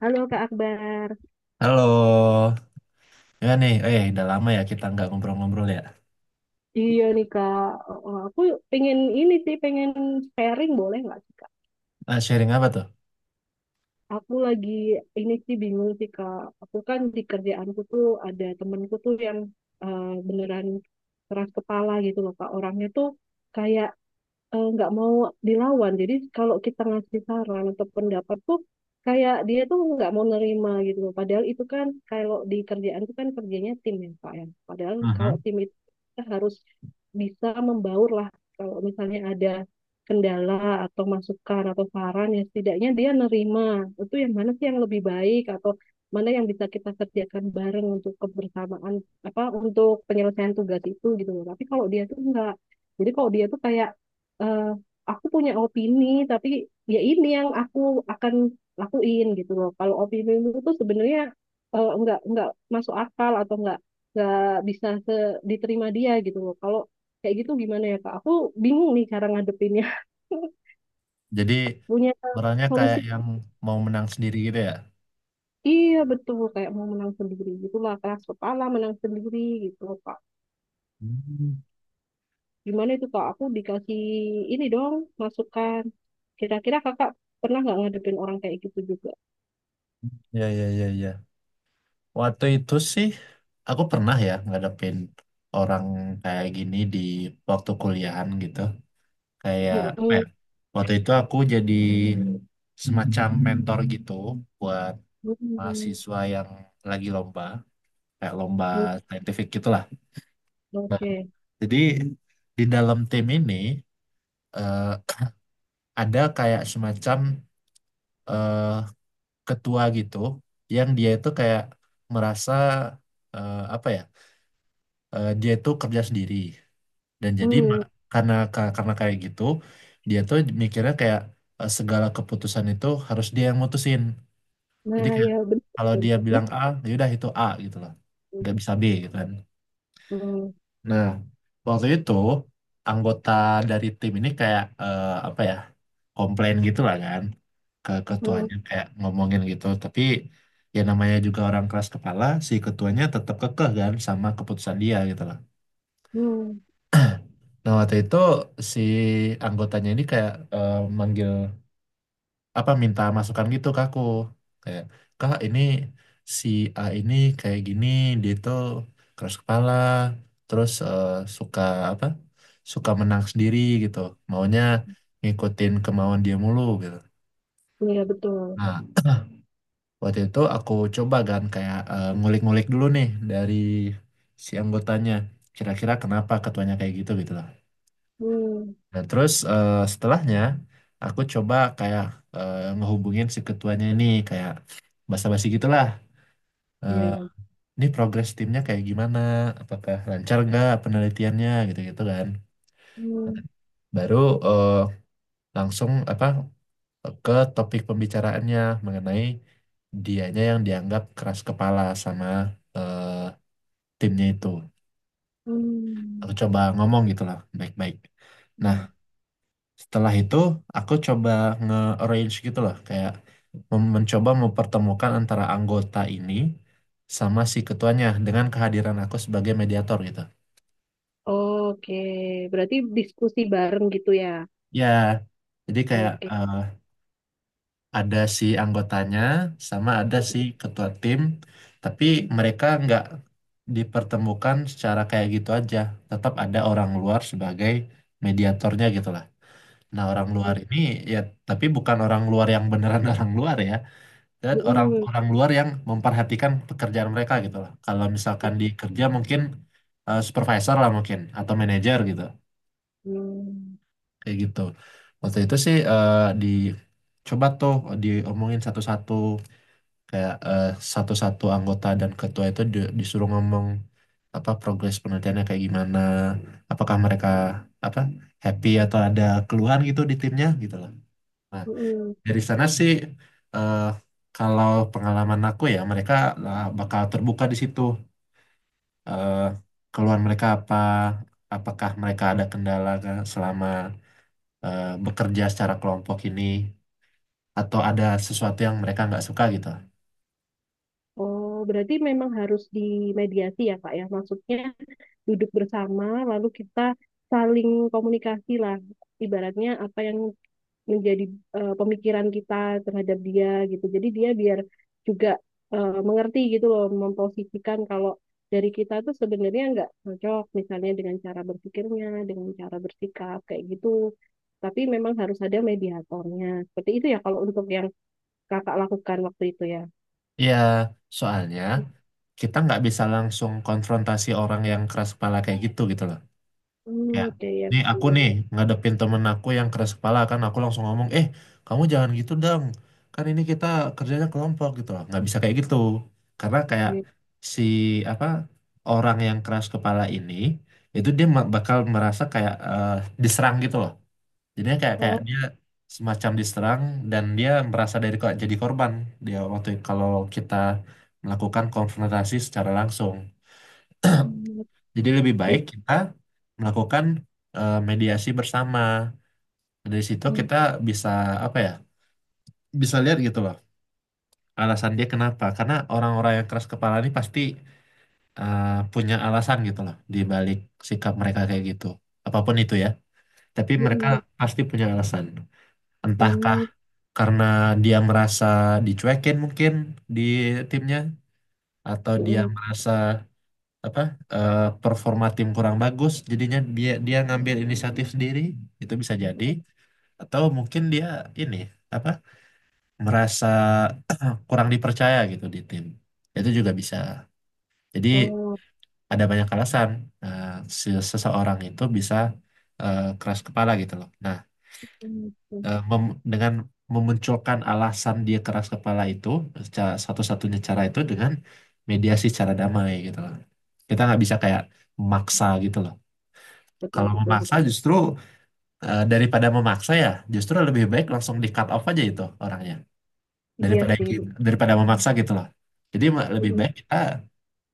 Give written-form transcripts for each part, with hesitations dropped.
Halo Kak Akbar. Halo, ya nih, udah lama ya kita nggak ngobrol-ngobrol ya. Iya nih Kak. Aku pengen ini sih, pengen sharing boleh nggak sih Kak? Ah, sharing apa tuh? Aku lagi ini sih bingung sih Kak. Aku kan di kerjaanku tuh ada temenku tuh yang beneran keras kepala gitu loh Kak. Orangnya tuh kayak nggak mau dilawan. Jadi kalau kita ngasih saran atau pendapat tuh kayak dia tuh nggak mau nerima gitu loh. Padahal itu kan kalau di kerjaan itu kan kerjanya tim ya Pak ya. Padahal kalau tim itu kita harus bisa membaur lah. Kalau misalnya ada kendala atau masukan atau saran ya setidaknya dia nerima. Itu yang mana sih yang lebih baik atau mana yang bisa kita kerjakan bareng untuk kebersamaan apa untuk penyelesaian tugas itu gitu loh. Tapi kalau dia tuh nggak, jadi kalau dia tuh kayak eh, aku punya opini tapi ya ini yang aku akan lakuin gitu loh. Kalau opini itu sebenarnya nggak masuk akal atau nggak bisa diterima dia gitu loh. Kalau kayak gitu gimana ya Kak? Aku bingung nih cara ngadepinnya. Jadi Punya orangnya kayak solusi? yang mau menang sendiri gitu ya? Iya betul kayak mau menang sendiri gitulah keras kepala menang sendiri gitu loh Kak. Gimana itu Kak? Aku dikasih ini dong masukan. Kira-kira Kakak pernah nggak ngadepin orang kayak gitu juga? Ya, ya, ya, ya. Waktu itu sih aku pernah ya ngadepin orang kayak gini di waktu kuliahan gitu. Kayak apa ya? Mm-mm. Waktu itu aku jadi semacam mentor gitu buat Hmm. mahasiswa yang lagi lomba, kayak lomba Hmm. saintifik gitulah. Nah, Oke. jadi di dalam tim ini eh, ada kayak semacam eh, ketua gitu yang dia itu kayak merasa eh, apa ya dia itu kerja sendiri dan jadi Hmm. Karena kayak gitu dia tuh mikirnya kayak segala keputusan itu harus dia yang mutusin. Jadi Nah, kayak ya kalau betul. dia Ini. bilang A, ya udah itu A gitu loh, Hmm. nggak bisa B gitu kan. Hmm. Nah, waktu itu anggota dari tim ini kayak eh, apa ya komplain gitu lah kan ke Hmm. ketuanya, kayak ngomongin gitu. Tapi ya namanya juga orang keras kepala, si ketuanya tetap kekeh kan sama keputusan dia gitu loh. Hmm. Nah, waktu itu si anggotanya ini kayak manggil, apa, minta masukan gitu ke aku, kayak, kak, ini si A ini kayak gini, dia tuh keras kepala, terus suka, apa, suka menang sendiri gitu, maunya ngikutin kemauan dia mulu gitu. Iya betul. Nah, waktu itu aku coba kan, kayak ngulik-ngulik dulu nih dari si anggotanya. Kira-kira kenapa ketuanya kayak gitu, gitu lah. Hmm. Nah, terus setelahnya aku coba kayak ngehubungin si ketuanya ini, kayak basa-basi gitulah. Eh, Ya. ini progres timnya kayak gimana? Apakah lancar nggak penelitiannya gitu-gitu kan. Hmm. Baru eh, langsung, apa, ke topik pembicaraannya mengenai dianya yang dianggap keras kepala sama eh, timnya itu. Aku Hmm. coba ngomong gitu lah, baik-baik. Nah, Hmm. setelah itu aku coba nge-arrange gitu loh, kayak mencoba mempertemukan antara anggota ini sama si ketuanya dengan kehadiran aku sebagai mediator gitu. Oke, berarti diskusi bareng gitu ya. Ya, jadi kayak Oke. Ada si anggotanya sama ada si ketua tim, tapi mereka nggak dipertemukan secara kayak gitu aja. Tetap ada orang luar sebagai mediatornya gitu. Nah, orang luar Oke. ini ya, tapi bukan orang luar yang beneran orang luar ya, dan Hmm. orang-orang luar yang memperhatikan pekerjaan mereka gitu lah. Kalau misalkan di kerja mungkin supervisor lah mungkin, atau manajer gitu, Hmm. kayak gitu. Waktu itu sih di coba tuh diomongin satu-satu, kayak satu-satu anggota dan ketua itu disuruh ngomong apa progres penelitiannya kayak gimana, apakah mereka, apa, happy atau ada keluhan gitu di timnya gitu lah. Nah, Hmm. dari sana sih, eh, kalau pengalaman aku ya, mereka lah bakal terbuka di situ. Eh, keluhan mereka apa, apakah mereka ada kendala kan selama bekerja secara kelompok ini, atau ada sesuatu yang mereka nggak suka gitu. Oh, berarti memang harus dimediasi ya, Kak ya. Maksudnya duduk bersama, lalu kita saling komunikasi lah. Ibaratnya apa yang menjadi pemikiran kita terhadap dia gitu. Jadi dia biar juga mengerti gitu loh memposisikan kalau dari kita tuh sebenarnya nggak cocok misalnya dengan cara berpikirnya, dengan cara bersikap kayak gitu. Tapi memang harus ada mediatornya. Seperti itu ya kalau untuk yang kakak lakukan waktu itu ya. Ya, soalnya kita nggak bisa langsung konfrontasi orang yang keras kepala kayak gitu, gitu loh. Hmm, Ya, oke ya nih aku betul. nih ngadepin temen aku yang keras kepala, kan aku langsung ngomong, eh, kamu jangan gitu dong, kan ini kita kerjanya kelompok gitu loh, nggak bisa kayak gitu. Karena kayak Gitu. si, apa, orang yang keras kepala ini itu dia bakal merasa kayak diserang gitu loh, jadinya kayak kayak Oh. dia semacam diserang, dan dia merasa dari kok jadi korban dia waktu kalau kita melakukan konfrontasi secara langsung. Hmm. Jadi lebih baik Gitu. kita melakukan mediasi bersama. Dari situ Hmm. kita bisa, apa ya, bisa lihat gitu loh alasan dia kenapa. Karena orang-orang yang keras kepala ini pasti eh, punya alasan gitu loh di balik sikap mereka kayak gitu. Apapun itu ya. Tapi mereka Hmm. pasti punya alasan. Entahkah Hmm. karena dia merasa dicuekin mungkin di timnya, atau dia Hmm. merasa, apa, performa tim kurang bagus, jadinya dia dia ngambil inisiatif sendiri, itu bisa jadi. Atau mungkin dia, ini, apa, merasa kurang dipercaya gitu di tim, itu juga bisa jadi. Oh. Ada banyak alasan eh, seseorang itu bisa keras kepala gitu loh. Nah, Hmm. Hmm. Dengan memunculkan alasan dia keras kepala itu, secara satu-satunya cara itu dengan mediasi secara damai gitu loh. Kita nggak bisa kayak maksa gitu loh. Betul Kalau betul memaksa, betul. justru daripada memaksa ya, justru lebih baik langsung di cut off aja itu orangnya, Iya daripada sih betul. daripada memaksa gitu loh. Jadi lebih Hmm. baik kita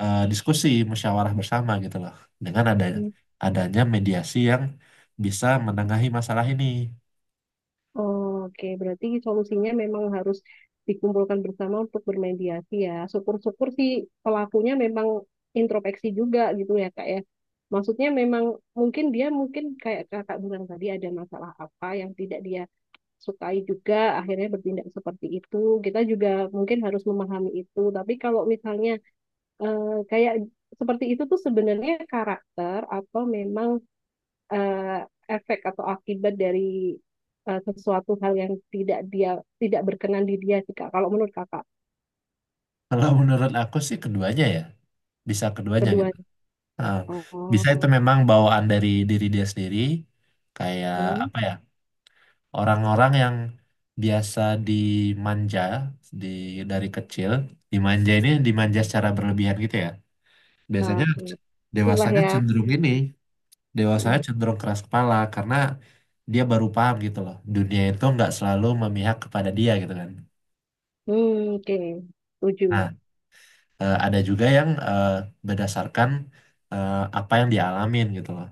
diskusi, musyawarah bersama gitu loh, dengan Hmm. adanya mediasi yang bisa menengahi masalah ini. Oke, berarti solusinya memang harus dikumpulkan bersama untuk bermediasi ya. Syukur-syukur sih pelakunya memang introspeksi juga gitu ya kak ya. Maksudnya memang mungkin dia mungkin kayak kakak bilang tadi ada masalah apa yang tidak dia sukai juga akhirnya bertindak seperti itu. Kita juga mungkin harus memahami itu. Tapi kalau misalnya kayak seperti itu tuh sebenarnya karakter atau memang eh, efek atau akibat dari sesuatu hal yang tidak dia tidak berkenan di dia sih Kak. Kalau menurut Kakak Kalau menurut aku sih keduanya ya, bisa keduanya kedua. gitu. Nah, Oh. bisa itu memang bawaan dari diri dia sendiri, kayak Hmm. apa ya? Orang-orang yang biasa dimanja di dari kecil, dimanja, dimanja secara berlebihan gitu ya, Nah, biasanya itulah dewasanya ya. cenderung ini dewasanya cenderung keras kepala, karena dia baru paham gitu loh dunia itu nggak selalu memihak kepada dia gitu kan. Hmm, oke. Nah, Setuju. Ada juga yang berdasarkan eh, apa yang dialamin gitu loh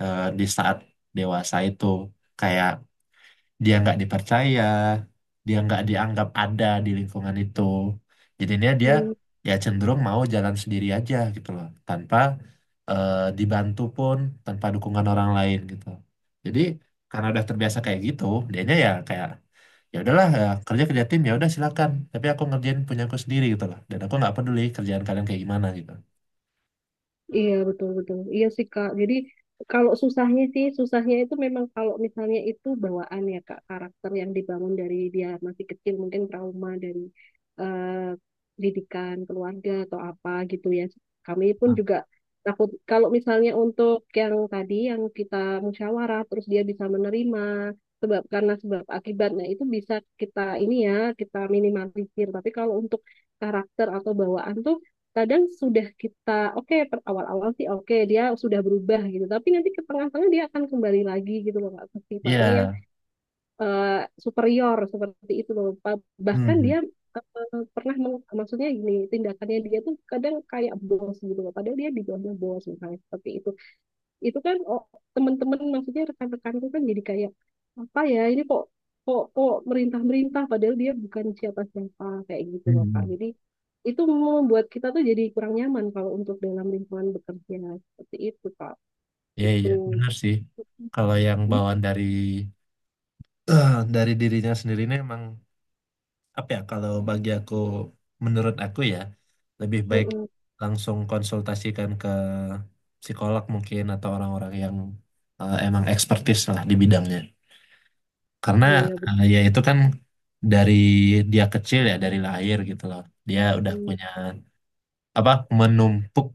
di saat dewasa itu, kayak dia nggak dipercaya, dia nggak dianggap ada di lingkungan itu. Jadinya dia Hmm. ya cenderung mau jalan sendiri aja gitu loh, tanpa eh, dibantu pun, tanpa dukungan orang lain gitu. Jadi karena udah terbiasa kayak gitu, dianya ya kayak, ya udahlah ya, kerja, kerja tim ya udah, silakan, tapi aku ngerjain punya aku sendiri gitu loh. Dan aku nggak peduli kerjaan kalian kayak gimana gitu. Iya betul betul. Iya sih Kak. Jadi kalau susahnya sih susahnya itu memang kalau misalnya itu bawaan ya Kak karakter yang dibangun dari dia masih kecil mungkin trauma dari eh, didikan keluarga atau apa gitu ya. Kami pun Nah, juga takut kalau misalnya untuk yang tadi yang kita musyawarah terus dia bisa menerima sebab karena sebab akibatnya itu bisa kita ini ya kita minimalisir. Tapi kalau untuk karakter atau bawaan tuh kadang sudah kita oke awal-awal sih oke dia sudah berubah gitu tapi nanti ke tengah-tengah dia akan kembali lagi gitu loh Kak, ke sifatnya yang iya. eh, superior seperti itu loh bahkan Hmm. dia maksudnya gini tindakannya dia tuh kadang kayak bos gitu loh padahal dia di bawahnya bos misalnya seperti itu kan oh, teman-teman maksudnya rekan-rekanku kan jadi kayak apa ya ini kok kok kok merintah-merintah padahal dia bukan siapa-siapa kayak gitu loh Kak. Hmm. Jadi itu membuat kita tuh jadi kurang nyaman kalau untuk dalam lingkungan bekerja seperti itu Kak. Iya, iya, Gitu. benar sih. Kalau yang Gitu. bawaan dari dari dirinya sendiri ini emang, apa ya, kalau bagi aku, menurut aku ya, lebih baik Mm-mm. langsung konsultasikan ke psikolog mungkin, atau orang-orang yang emang ekspertis lah di bidangnya. Karena Oh iya ya itu kan dari dia kecil ya, dari lahir gitu loh, dia udah betul. punya, apa, menumpuk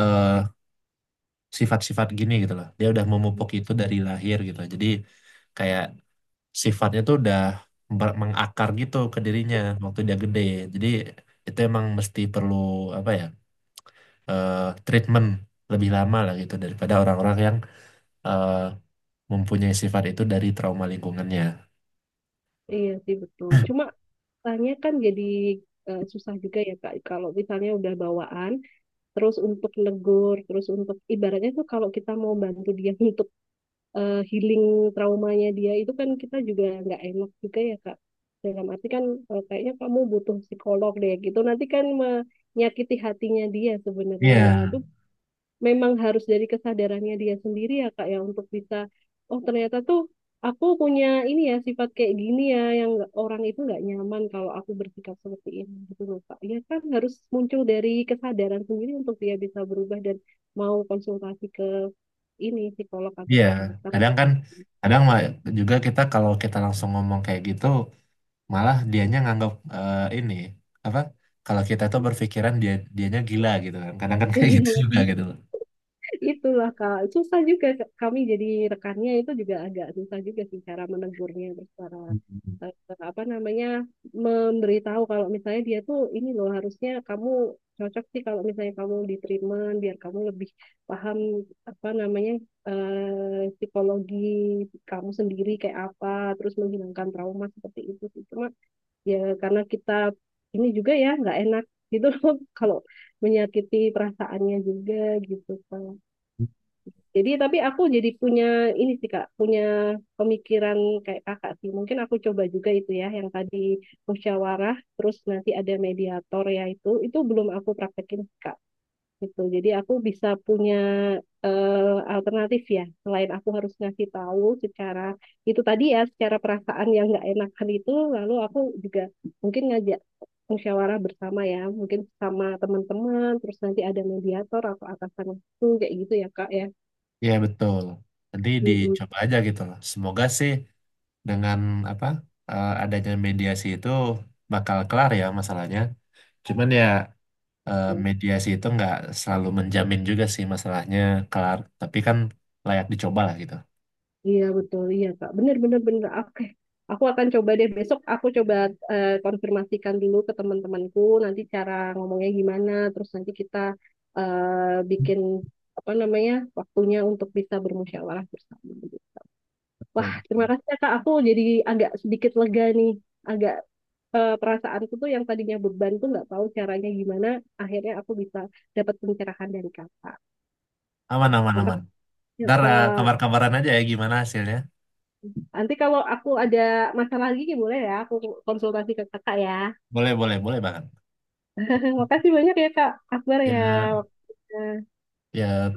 eh, sifat-sifat gini gitu loh, dia udah memupuk itu dari lahir gitu loh. Jadi kayak sifatnya tuh udah mengakar gitu ke dirinya waktu dia gede. Jadi itu emang mesti perlu, apa ya, eh, treatment lebih lama lah gitu daripada orang-orang yang eh, mempunyai sifat itu dari trauma lingkungannya. Iya sih betul. Cuma tanya kan jadi susah juga ya Kak. Kalau misalnya udah bawaan, terus untuk negur, terus untuk ibaratnya tuh kalau kita mau bantu dia untuk healing traumanya dia itu kan kita juga nggak enak juga ya Kak. Dalam arti kan kayaknya kamu butuh psikolog deh gitu. Nanti kan menyakiti hatinya dia sebenarnya ya. Iya, Itu memang harus dari kesadarannya dia sendiri ya Kak ya untuk bisa oh ternyata tuh aku punya ini ya sifat kayak gini ya yang orang itu nggak nyaman kalau aku bersikap seperti ini gitu loh Kak. Ya kan harus muncul dari kesadaran sendiri untuk dia bisa berubah dan mau konsultasi ke ini psikolog atau iya. psikiater. Kadang kan, kadang mah juga, kita kalau kita langsung ngomong kayak gitu, malah dianya nganggap, ini apa? Kalau kita tuh berpikiran dianya gila gitu kan. Kadang kan kayak gitu juga gitu Itulah Kak, susah juga Kak. Kami jadi rekannya itu juga agak susah juga sih cara menegurnya, terus cara loh. eh, apa namanya memberitahu kalau misalnya dia tuh ini loh harusnya kamu cocok sih kalau misalnya kamu di treatment biar kamu lebih paham apa namanya psikologi kamu sendiri kayak apa, terus menghilangkan trauma seperti itu sih. Cuma ya karena kita ini juga ya nggak enak gitu loh kalau menyakiti perasaannya juga gitu Kak. Jadi tapi aku jadi punya ini sih Kak, punya pemikiran kayak Kakak sih. Mungkin aku coba juga itu ya yang tadi musyawarah terus nanti ada mediator ya itu belum aku praktekin Kak gitu. Jadi aku bisa punya eh, alternatif ya, selain aku harus ngasih tahu secara itu tadi ya, secara perasaan yang nggak enakan itu, lalu aku juga mungkin ngajak musyawarah bersama ya, mungkin sama teman-teman, terus nanti ada mediator atau atasan itu kayak gitu ya Kak ya. Iya betul. Nanti Mm-mm. dicoba aja gitu loh. Semoga sih dengan, apa, adanya mediasi itu bakal kelar ya masalahnya. Cuman ya mediasi itu nggak selalu menjamin juga sih masalahnya kelar. Tapi kan layak dicoba lah gitu. Iya betul, iya Kak. Bener bener bener. Oke, aku akan coba deh besok. Aku coba konfirmasikan dulu ke teman-temanku nanti cara ngomongnya gimana. Terus nanti kita bikin apa namanya waktunya untuk bisa bermusyawarah bersama. Wah, Betul. terima kasih ya Kak. Aku jadi agak sedikit lega nih. Agak perasaanku tuh yang tadinya beban tuh nggak tahu caranya gimana. Akhirnya aku bisa dapat pencerahan dari Kakak. Aman, aman, aman. Makasih ya Ntar Kak. kabar-kabaran aja ya gimana hasilnya. Nanti kalau aku ada masalah lagi ya boleh ya, aku konsultasi ke kakak ya. Boleh, boleh, boleh banget. Makasih banyak ya Kak Akbar ya. Ya, Waktunya. ya